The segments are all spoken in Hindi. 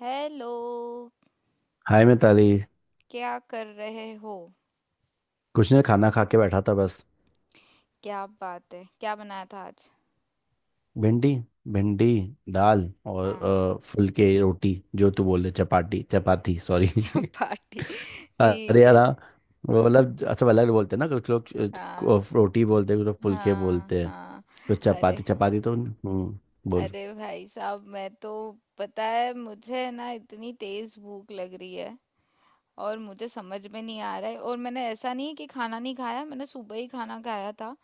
हेलो। हाय मिताली। क्या कर रहे हो? कुछ नहीं, खाना खा के बैठा था बस। क्या बात है, क्या बनाया था आज? भिंडी, भिंडी, दाल और हाँ। फुलके। रोटी जो तू बोल रहे, चपाटी चपाती, सॉरी क्या पार्टी! अरे ठीक यार, है। हाँ, वो मतलब सब अलग बोलते हैं ना, कुछ लोग हाँ, रोटी बोलते हैं, कुछ लोग फुलके हाँ, बोलते हैं, हाँ। कुछ अरे। चपाती चपाती, तो बोल। अरे भाई साहब मैं तो, पता है मुझे ना, इतनी तेज भूख लग रही है और मुझे समझ में नहीं आ रहा है। और मैंने, ऐसा नहीं है कि खाना नहीं खाया, मैंने सुबह ही खाना खाया था।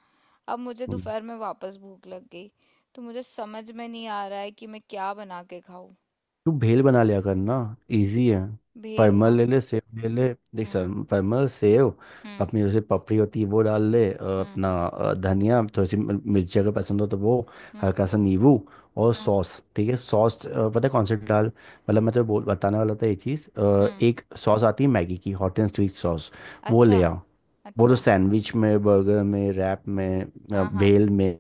अब मुझे हम्म। दोपहर में वापस भूख लग गई। तो मुझे समझ में नहीं आ रहा है कि मैं क्या बना के खाऊं। तू भेल बना लिया करना, इजी है। भेल परमल ना। ले ले, सेव ले ले। देख सर, हम्म। परमल, सेव, हम्म। अपनी जैसे पपड़ी होती है वो डाल ले, हम्म। अपना धनिया, थोड़ी सी मिर्ची अगर पसंद हो तो वो, हाँ, हल्का सा नींबू। और हाँ। सॉस, ठीक है, सॉस पता है कौन सी डाल। मतलब मैं तो बोल बताने वाला था ये चीज़, हम्म। एक सॉस आती है मैगी की, हॉट एंड स्वीट सॉस, वो अच्छा। ले आओ। वो तो अच्छा। सैंडविच में, बर्गर में, रैप में, हाँ, हाँ, भेल में,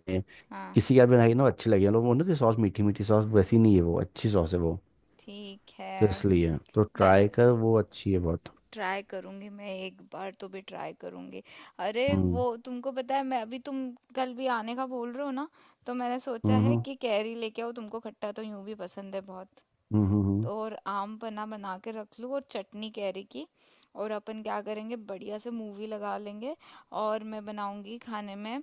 हाँ। किसी का भी बनाई ना अच्छी लगी है लोग, वो ना सॉस, मीठी मीठी सॉस वैसी नहीं है वो, अच्छी सॉस है वो। ठीक है। तो इसलिए तो ट्राई कर, वो अच्छी है बहुत। ट्राई करूंगी, मैं एक बार तो भी ट्राई करूंगी। अरे वो, हम्म, तुमको पता है, मैं अभी, तुम कल भी आने का बोल रहे हो ना, तो मैंने सोचा है हम्म, कि कैरी लेके आओ, तुमको खट्टा तो यूं भी पसंद है बहुत। हम्म, हम्म। तो और आम पन्ना बना के रख लूँ और चटनी कैरी की। और अपन क्या करेंगे, बढ़िया से मूवी लगा लेंगे। और मैं बनाऊंगी खाने में, अ,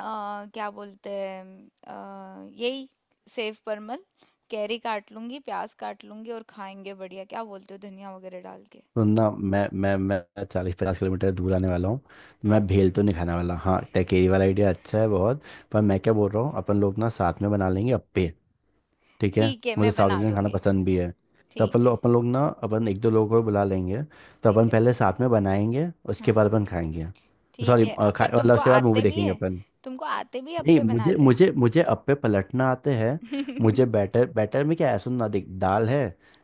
क्या बोलते हैं, अ, यही, सेव परमल। कैरी काट लूंगी, प्याज काट लूंगी और खाएंगे बढ़िया, क्या बोलते हो, धनिया वगैरह डाल के। वरना मैं 40-50 किलोमीटर दूर आने वाला हूँ, तो मैं हम्म। भेल तो नहीं खाने वाला। हाँ, टेकेरी वाला आइडिया अच्छा है बहुत। पर मैं क्या बोल रहा हूँ, अपन लोग ना साथ में बना लेंगे अप्पे। ठीक है, ठीक है, मुझे मैं साउथ बना इंडियन खाना दूंगी। पसंद भी है। तो ठीक है। अपन लोग ना, अपन एक दो लोगों को बुला लेंगे, तो ठीक अपन है। पहले साथ में बनाएंगे, उसके हम्म। बाद अपन खाएंगे। ठीक सॉरी, है। खा पर मतलब तुमको उसके बाद मूवी आते भी देखेंगे है? अपन। तुमको आते भी, नहीं, अप्पे मुझे बनाते? मुझे मुझे अप्पे पलटना आते हैं। मुझे बैटर, में क्या है, सुन ना, देख, दाल है,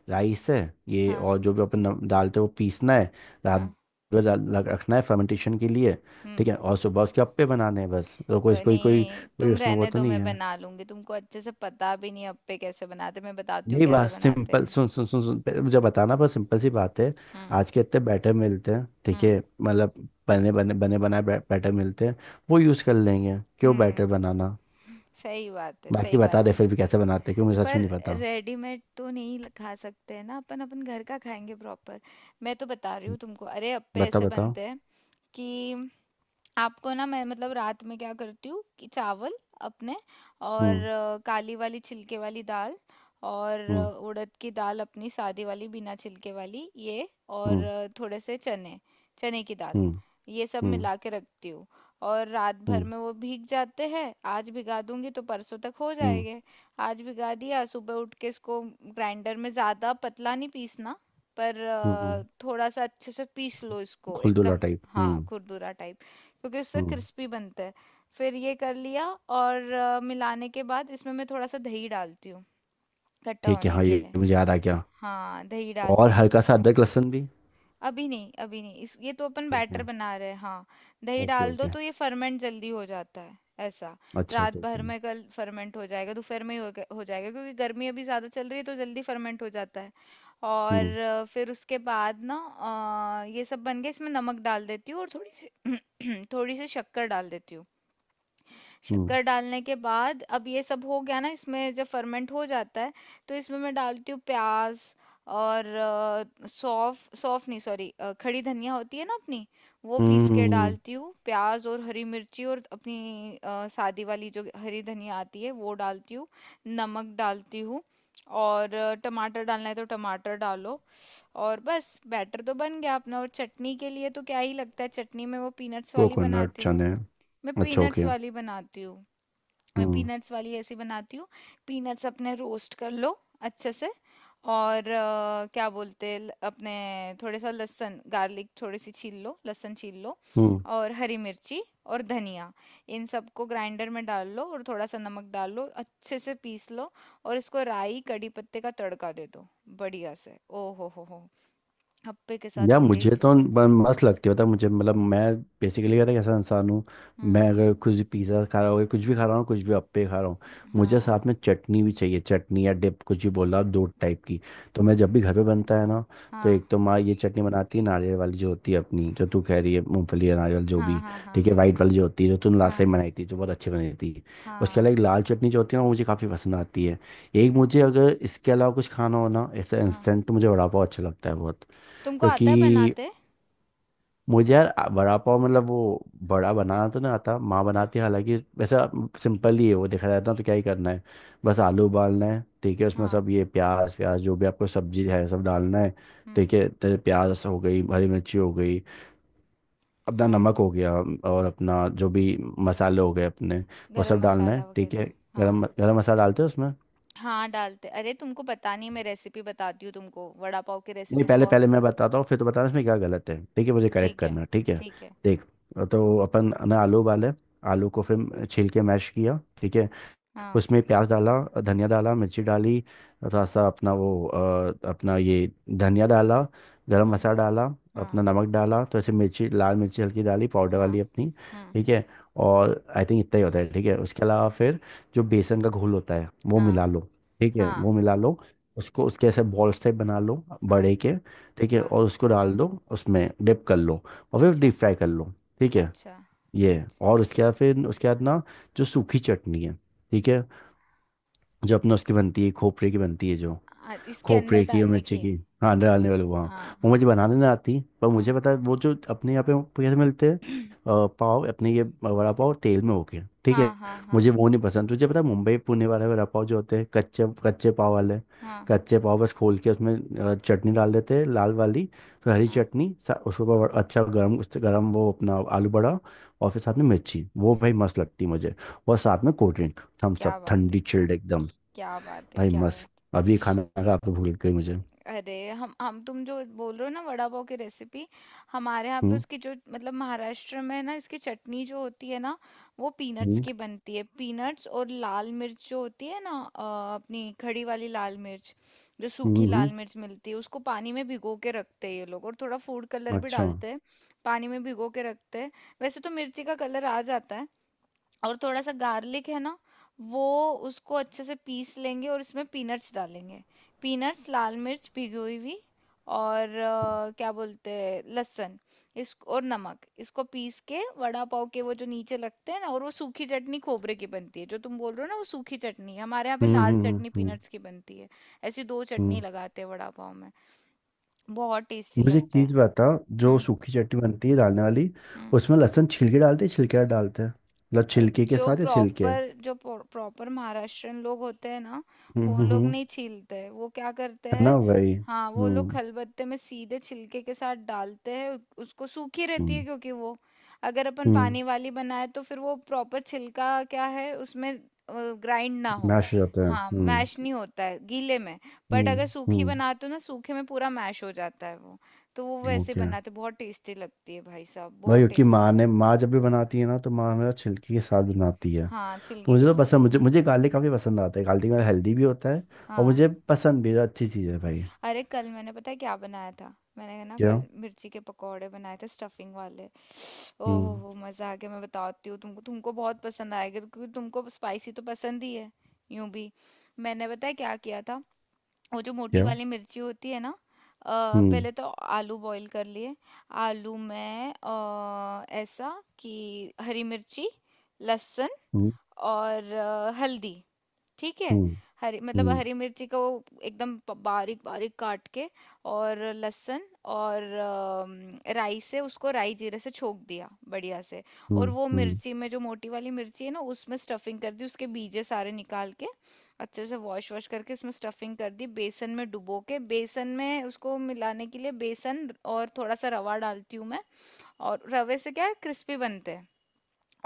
राइस है, ये हाँ। और जो भी अपन डालते हैं वो पीसना है, रात हाँ। भर रखना है फर्मेंटेशन के लिए। ठीक हम्म। है, और सुबह उसके अप्पे बनाने हैं बस। तो कोई कोई कोई बनी, कोई तुम उसमें वो रहने तो दो, नहीं मैं है। बना लूंगी। तुमको अच्छे से पता भी नहीं अप्पे कैसे बनाते, मैं बताती हूँ नहीं, कैसे बात बनाते सिंपल, हैं। सुन सुन सुन सुन, पहले मुझे बताना, पर सिंपल सी बात है। हम्म। आज के इतने बैटर मिलते हैं, ठीक हम्म। है, मतलब बने बने बने बनाए बैटर मिलते हैं, वो यूज़ कर लेंगे, क्यों हम्म। बैटर बनाना। सही बात है, बाकी सही बता बात दे है। फिर भी कैसे बनाते हैं, क्यों, मुझे सच पर में नहीं पता। रेडीमेड तो नहीं खा सकते हैं ना अपन, अपन घर का खाएंगे प्रॉपर। मैं तो बता रही हूँ हम्म, तुमको, अरे अप्पे ऐसे बताओ। बनते हैं कि, आपको ना मैं, मतलब रात में क्या करती हूँ कि चावल अपने, और हम्म, काली वाली छिलके वाली दाल, और हम्म, उड़द की दाल अपनी सादी वाली बिना छिलके वाली, ये, और हम्म, थोड़े से चने, चने की दाल। हम्म, ये सब हम्म, मिला के रखती हूँ। और रात भर हम्म, में वो भीग जाते हैं। आज भिगा दूंगी तो परसों तक हो हम्म, जाएंगे। आज भिगा दिया, सुबह उठ के इसको ग्राइंडर में ज़्यादा पतला नहीं पीसना, पर हम्म। थोड़ा सा अच्छे से पीस लो इसको खुलदुला एकदम। टाइप, हाँ, हम्म, खुरदुरा टाइप, क्योंकि उससे हम्म। क्रिस्पी बनता है। फिर ये कर लिया। और मिलाने के बाद इसमें मैं थोड़ा सा दही डालती हूँ, खट्टा ठीक है, होने हाँ, के ये लिए। मुझे याद आ गया। हाँ, दही और डालती हूँ। हल्का सा अदरक लहसुन भी। अभी नहीं, अभी नहीं, इस ये तो अपन ठीक बैटर है, बना रहे हैं। हाँ, दही ओके, डाल दो ओके। तो ये फर्मेंट जल्दी हो जाता है। ऐसा। अच्छा, रात ठीक भर है। में कल फर्मेंट हो जाएगा, दोपहर में ही हो जाएगा क्योंकि गर्मी अभी ज़्यादा चल रही है तो जल्दी फर्मेंट हो जाता है। और हम्म, फिर उसके बाद ना, ये सब बन गया, इसमें नमक डाल देती हूँ और थोड़ी सी थोड़ी सी शक्कर डाल देती हूँ। हम्म, शक्कर डालने के बाद, अब ये सब हो गया ना, इसमें जब फर्मेंट हो जाता है तो इसमें मैं डालती हूँ प्याज और सौफ, सौफ नहीं, सॉरी, खड़ी धनिया होती है ना अपनी, वो पीस के हम्म। डालती हूँ। प्याज और हरी मिर्ची और अपनी सादी वाली जो हरी धनिया आती है वो डालती हूँ, नमक डालती हूँ। और टमाटर डालना है तो टमाटर डालो। और बस बैटर तो बन गया अपना। और चटनी के लिए, तो क्या ही लगता है, चटनी में वो पीनट्स वाली कोकोनट, बनाती हूँ। चने। मैं अच्छा, पीनट्स ओके। वाली बनाती हूँ। मैं हम्म, पीनट्स वाली ऐसी बनाती हूँ। पीनट्स अपने रोस्ट कर लो अच्छे से, और क्या बोलते हैं, अपने थोड़े सा लहसुन, गार्लिक, थोड़ी सी छील लो, लहसुन छील लो, हम्म। और हरी मिर्ची और धनिया। इन सबको ग्राइंडर में डाल लो और थोड़ा सा नमक डाल लो और अच्छे से पीस लो। और इसको राई कड़ी पत्ते का तड़का दे दो बढ़िया से। ओ हो, हप्पे के साथ यार जो मुझे टेस्ट है! तो मस्त लगती होता मुझे, मतलब मैं बेसिकली कहता कैसा इंसान हूँ। मैं हम्म। अगर कुछ भी पिज़्ज़ा खा रहा हूँ, कुछ भी खा रहा हूँ, कुछ भी अप्पे खा रहा हूँ, मुझे हाँ, साथ में चटनी भी चाहिए, चटनी या डिप कुछ भी बोला आप, दो टाइप की। तो मैं जब भी घर पे बनता है ना, तो हाँ, एक तो माँ ये चटनी बनाती है नारियल वाली जो होती है अपनी, जो तू कह रही है मूंगफली या नारियल जो हाँ, भी, हाँ, हाँ, ठीक है, वाइट वाली जो होती है, जो तूने लास्ट टाइम हाँ, बनाई थी जो बहुत अच्छी बनी थी। उसके हाँ। अलावा एक लाल चटनी जो होती है ना, वो मुझे काफ़ी पसंद आती है। एक हम्म। मुझे अगर इसके अलावा कुछ खाना हो ना ऐसा हाँ, इंस्टेंट, तो मुझे वड़ा पाव अच्छा लगता है बहुत। तुमको आता है क्योंकि बनाते? मुझे यार, वड़ा पाव, मतलब वो बड़ा बनाना तो नहीं आता, माँ हुँ, बनाती है, हालांकि वैसा सिंपल ही है वो, देखा जाता है तो क्या ही करना है। बस आलू उबालना है, ठीक है, उसमें हाँ, सब ये प्याज प्याज, जो भी आपको सब्जी है सब डालना है। हुँ, ठीक है, तो प्याज हो गई, हरी मिर्ची हो गई, अपना हाँ, नमक हो गया, और अपना जो भी मसाले हो गए अपने, वो गरम सब डालना मसाला है, ठीक वगैरह, है। हाँ। गरम गरम मसाला डालते हैं उसमें। हाँ, डालते, अरे तुमको पता नहीं, मैं रेसिपी बताती हूँ तुमको, वड़ा पाव की नहीं, रेसिपी पहले, बहुत। पहले मैं बताता हूँ फिर तो बताना, इसमें क्या गलत है ठीक है, मुझे करेक्ट ठीक है, करना, ठीक है। ठीक है, देख, तो अपन ना आलू उबाले, आलू को फिर छील के मैश किया, ठीक है, हाँ, उसमें प्याज डाला, धनिया डाला, मिर्ची डाली, थोड़ा सा अपना वो, अपना ये, धनिया डाला, गरम हुँ, मसाला डाला, अपना हाँ, नमक डाला, तो ऐसे मिर्ची, लाल मिर्ची हल्की डाली पाउडर हाँ, वाली अपनी, हुँ, ठीक है। और आई थिंक इतना ही होता है, ठीक है। उसके अलावा फिर जो बेसन का घोल होता है वो हाँ, मिला लो, ठीक है हाँ, वो मिला लो, उसको, उसके ऐसे बॉल्स टाइप बना लो हाँ, बड़े के, ठीक है, हाँ, और उसको डाल दो, उसमें डिप कर लो, और फिर अच्छा, डीप फ्राई कर लो, ठीक है। अच्छा, ये है। अच्छा। और उसके बाद, फिर उसके बाद ना जो सूखी चटनी है, ठीक है, जो अपने उसकी बनती है, खोपरे की बनती है, जो इसके अंदर खोपरे की और डालने मिर्ची की? की, हाँ, अंदर डालने वाले वहाँ, हाँ, वो हाँ, मुझे बनाने नहीं आती, पर हाँ। मुझे पता है वो जो अपने यहाँ पे वो कैसे मिलते हैं। पाव, अपने ये वड़ा पाव तेल में होके, ठीक हाँ, है, हाँ, हाँ, मुझे वो नहीं पसंद। तुझे पता है मुंबई पुणे वाले वड़ा पाव जो होते हैं, कच्चे कच्चे पाव वाले, हाँ, कच्चे पाव बस खोल के उसमें चटनी डाल देते हैं लाल वाली, फिर हरी हाँ। चटनी उसके ऊपर अच्छा गर्म गर्म वो अपना आलू बड़ा, और फिर साथ में मिर्ची, वो भाई मस्त लगती है मुझे। और साथ में कोल्ड ड्रिंक, थम्स क्या अप बात है! ठंडी चिल्ड एकदम। क्या बात है! भाई क्या बात मस्त। अभी है! खाना खा के भूल गई मुझे। अरे हम तुम जो बोल रहे हो ना, वड़ा पाव की रेसिपी, हमारे यहाँ पे हम्म, उसकी जो, मतलब महाराष्ट्र में ना इसकी चटनी जो होती है ना, वो पीनट्स हम्म, की बनती है। पीनट्स और लाल मिर्च जो होती है ना, अपनी खड़ी वाली लाल मिर्च, जो हम्म, सूखी लाल मिर्च मिलती है, उसको पानी में भिगो के रखते हैं ये लोग, और थोड़ा फूड कलर भी अच्छा, हम्म, डालते हैं। पानी में भिगो के रखते हैं, वैसे तो मिर्ची का कलर आ जाता है। और थोड़ा सा गार्लिक है ना, वो, उसको अच्छे से पीस लेंगे और इसमें पीनट्स डालेंगे। पीनट्स, लाल मिर्च भिगी हुई भी, और क्या बोलते हैं, लहसुन, इस और नमक, इसको पीस के वड़ा पाव के वो जो नीचे लगते हैं ना, और वो सूखी चटनी खोबरे की बनती है जो तुम बोल रहे हो ना, वो सूखी चटनी है। हमारे यहाँ पे हम्म, लाल हम्म, चटनी हम्म, पीनट्स की बनती है। ऐसी दो चटनी हम्म। लगाते हैं वड़ा पाव में। बहुत टेस्टी मुझे एक लगता चीज है। बता, जो हम्म। सूखी चटनी बनती है डालने वाली, हम्म। उसमें लहसुन छिलके डालते हैं, छिलके ना डालते हैं, मतलब अ, छिलके के जो साथ या छिलके। प्रॉपर, जो प्रॉपर महाराष्ट्रियन लोग होते हैं ना, हम्म, वो हम्म, लोग नहीं छीलते, वो क्या करते है ना हैं? भाई। हाँ, वो लोग हम्म, खलबत्ते में सीधे छिलके के साथ डालते हैं। उसको सूखी रहती है क्योंकि वो, अगर अपन हम्म, पानी वाली बनाए तो फिर वो प्रॉपर छिलका क्या है उसमें, ग्राइंड ना हो। मैश हो जाता है, हाँ, हम्म, मैश नहीं होता है गीले में। बट अगर हम्म, सूखी हम्म, बनाते हो ना, सूखे में पूरा मैश हो जाता है वो। तो वो वैसे ओके। बनाते, बहुत टेस्टी लगती है भाई साहब, भाई बहुत क्योंकि टेस्टी। माँ जब भी बनाती है ना, तो माँ हमेशा छिलकी के साथ बनाती है। हाँ, तो छिलके मुझे के तो पसंद, साथ। मुझे मुझे गार्लिक काफ़ी पसंद आता है, गार्लिक मेरा हेल्दी भी होता है और हाँ। मुझे पसंद भी है, अच्छी चीज़ है भाई। अरे कल मैंने पता है क्या बनाया था? मैंने ना क्या, कल मिर्ची के पकोड़े बनाए थे स्टफिंग वाले। ओह हो हम्म, हो मजा आ गया। मैं बताती हूँ तुमको, तुमको बहुत पसंद आएगा क्योंकि तुमको स्पाइसी तो पसंद ही है यूं भी। मैंने पता है क्या किया था? वो जो मोटी क्या, वाली मिर्ची होती है ना, हम्म, पहले तो आलू बॉईल कर लिए। आलू में ऐसा कि, हरी मिर्ची, लहसुन, हम्म, और हल्दी, ठीक है। हम्म, हरी मतलब हम्म, हरी मिर्ची को एकदम बारीक बारीक काट के, और लहसुन, और राई से उसको, राई जीरे से छोक दिया बढ़िया से। और हम्म, वो मिर्ची में, जो मोटी वाली मिर्ची है ना, उसमें स्टफिंग कर दी उसके बीजे सारे निकाल के, अच्छे से वॉश वॉश करके उसमें स्टफिंग कर दी, बेसन में डुबो के, बेसन में उसको मिलाने के लिए बेसन, और थोड़ा सा रवा डालती हूँ मैं, और रवे से क्या क्रिस्पी बनते हैं।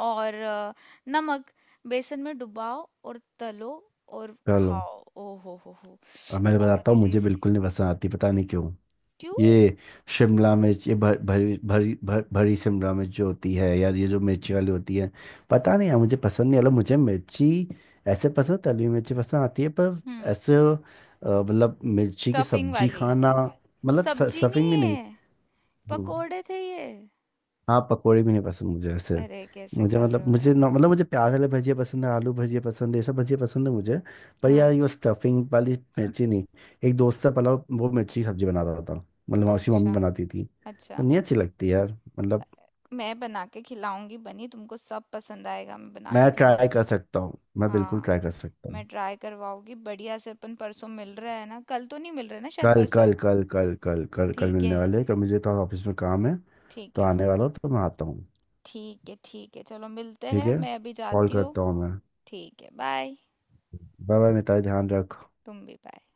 और नमक, बेसन में डुबाओ और तलो और चलो, खाओ। ओ हो, अब मैं बहुत बताता ही हूँ, मुझे टेस्टी। बिल्कुल नहीं पसंद आती पता नहीं क्यों, क्यों? ये शिमला मिर्च, ये भरी भरी भरी शिमला मिर्च जो होती है, यार ये जो मिर्ची वाली होती है, पता नहीं यार मुझे पसंद नहीं। मतलब मुझे मिर्ची ऐसे पसंद, तली हुई मिर्ची पसंद आती है पर, हम्म। ऐसे मतलब मिर्ची की स्टफिंग सब्जी वाली। खाना, मतलब सब्जी स्टफिंग नहीं भी नहीं। है, हम्म, पकोड़े थे ये। हाँ, पकौड़ी भी नहीं पसंद मुझे ऐसे। अरे कैसे मुझे कर रहे मतलब, हो मुझे यार! मतलब मुझे प्याज वाले भजिया पसंद है, आलू भजिया पसंद है, ये सब भजिया पसंद है मुझे। पर यार हाँ। ये स्टफिंग वाली मिर्ची नहीं। एक दोस्त का पलाव, वो मिर्ची की सब्जी बना रहा था, मतलब उसकी मम्मी अच्छा, बनाती थी, अच्छा। तो नहीं अच्छी लगती यार, अ- मतलब। मैं बना के खिलाऊंगी बनी, तुमको सब पसंद आएगा, मैं बना मैं के खिला। ट्राई कर सकता हूँ, मैं बिल्कुल हाँ। ट्राई कर सकता मैं हूँ। ट्राई करवाऊंगी बढ़िया से। अपन परसों मिल रहा है ना, कल तो नहीं मिल रहा है ना, शायद कल परसों कल है। कल कल कल कल कल ठीक है। मिलने वाले हैं, कल मुझे तो ऑफिस में काम है, ठीक तो है। आने वाला हूँ, तो मैं आता हूँ, ठीक है, ठीक है, चलो मिलते ठीक हैं, है, मैं अभी कॉल जाती हूँ। करता हूँ मैं। ठीक है, बाय। बाय, बाय मिताली, ध्यान रख। तुम भी बाय।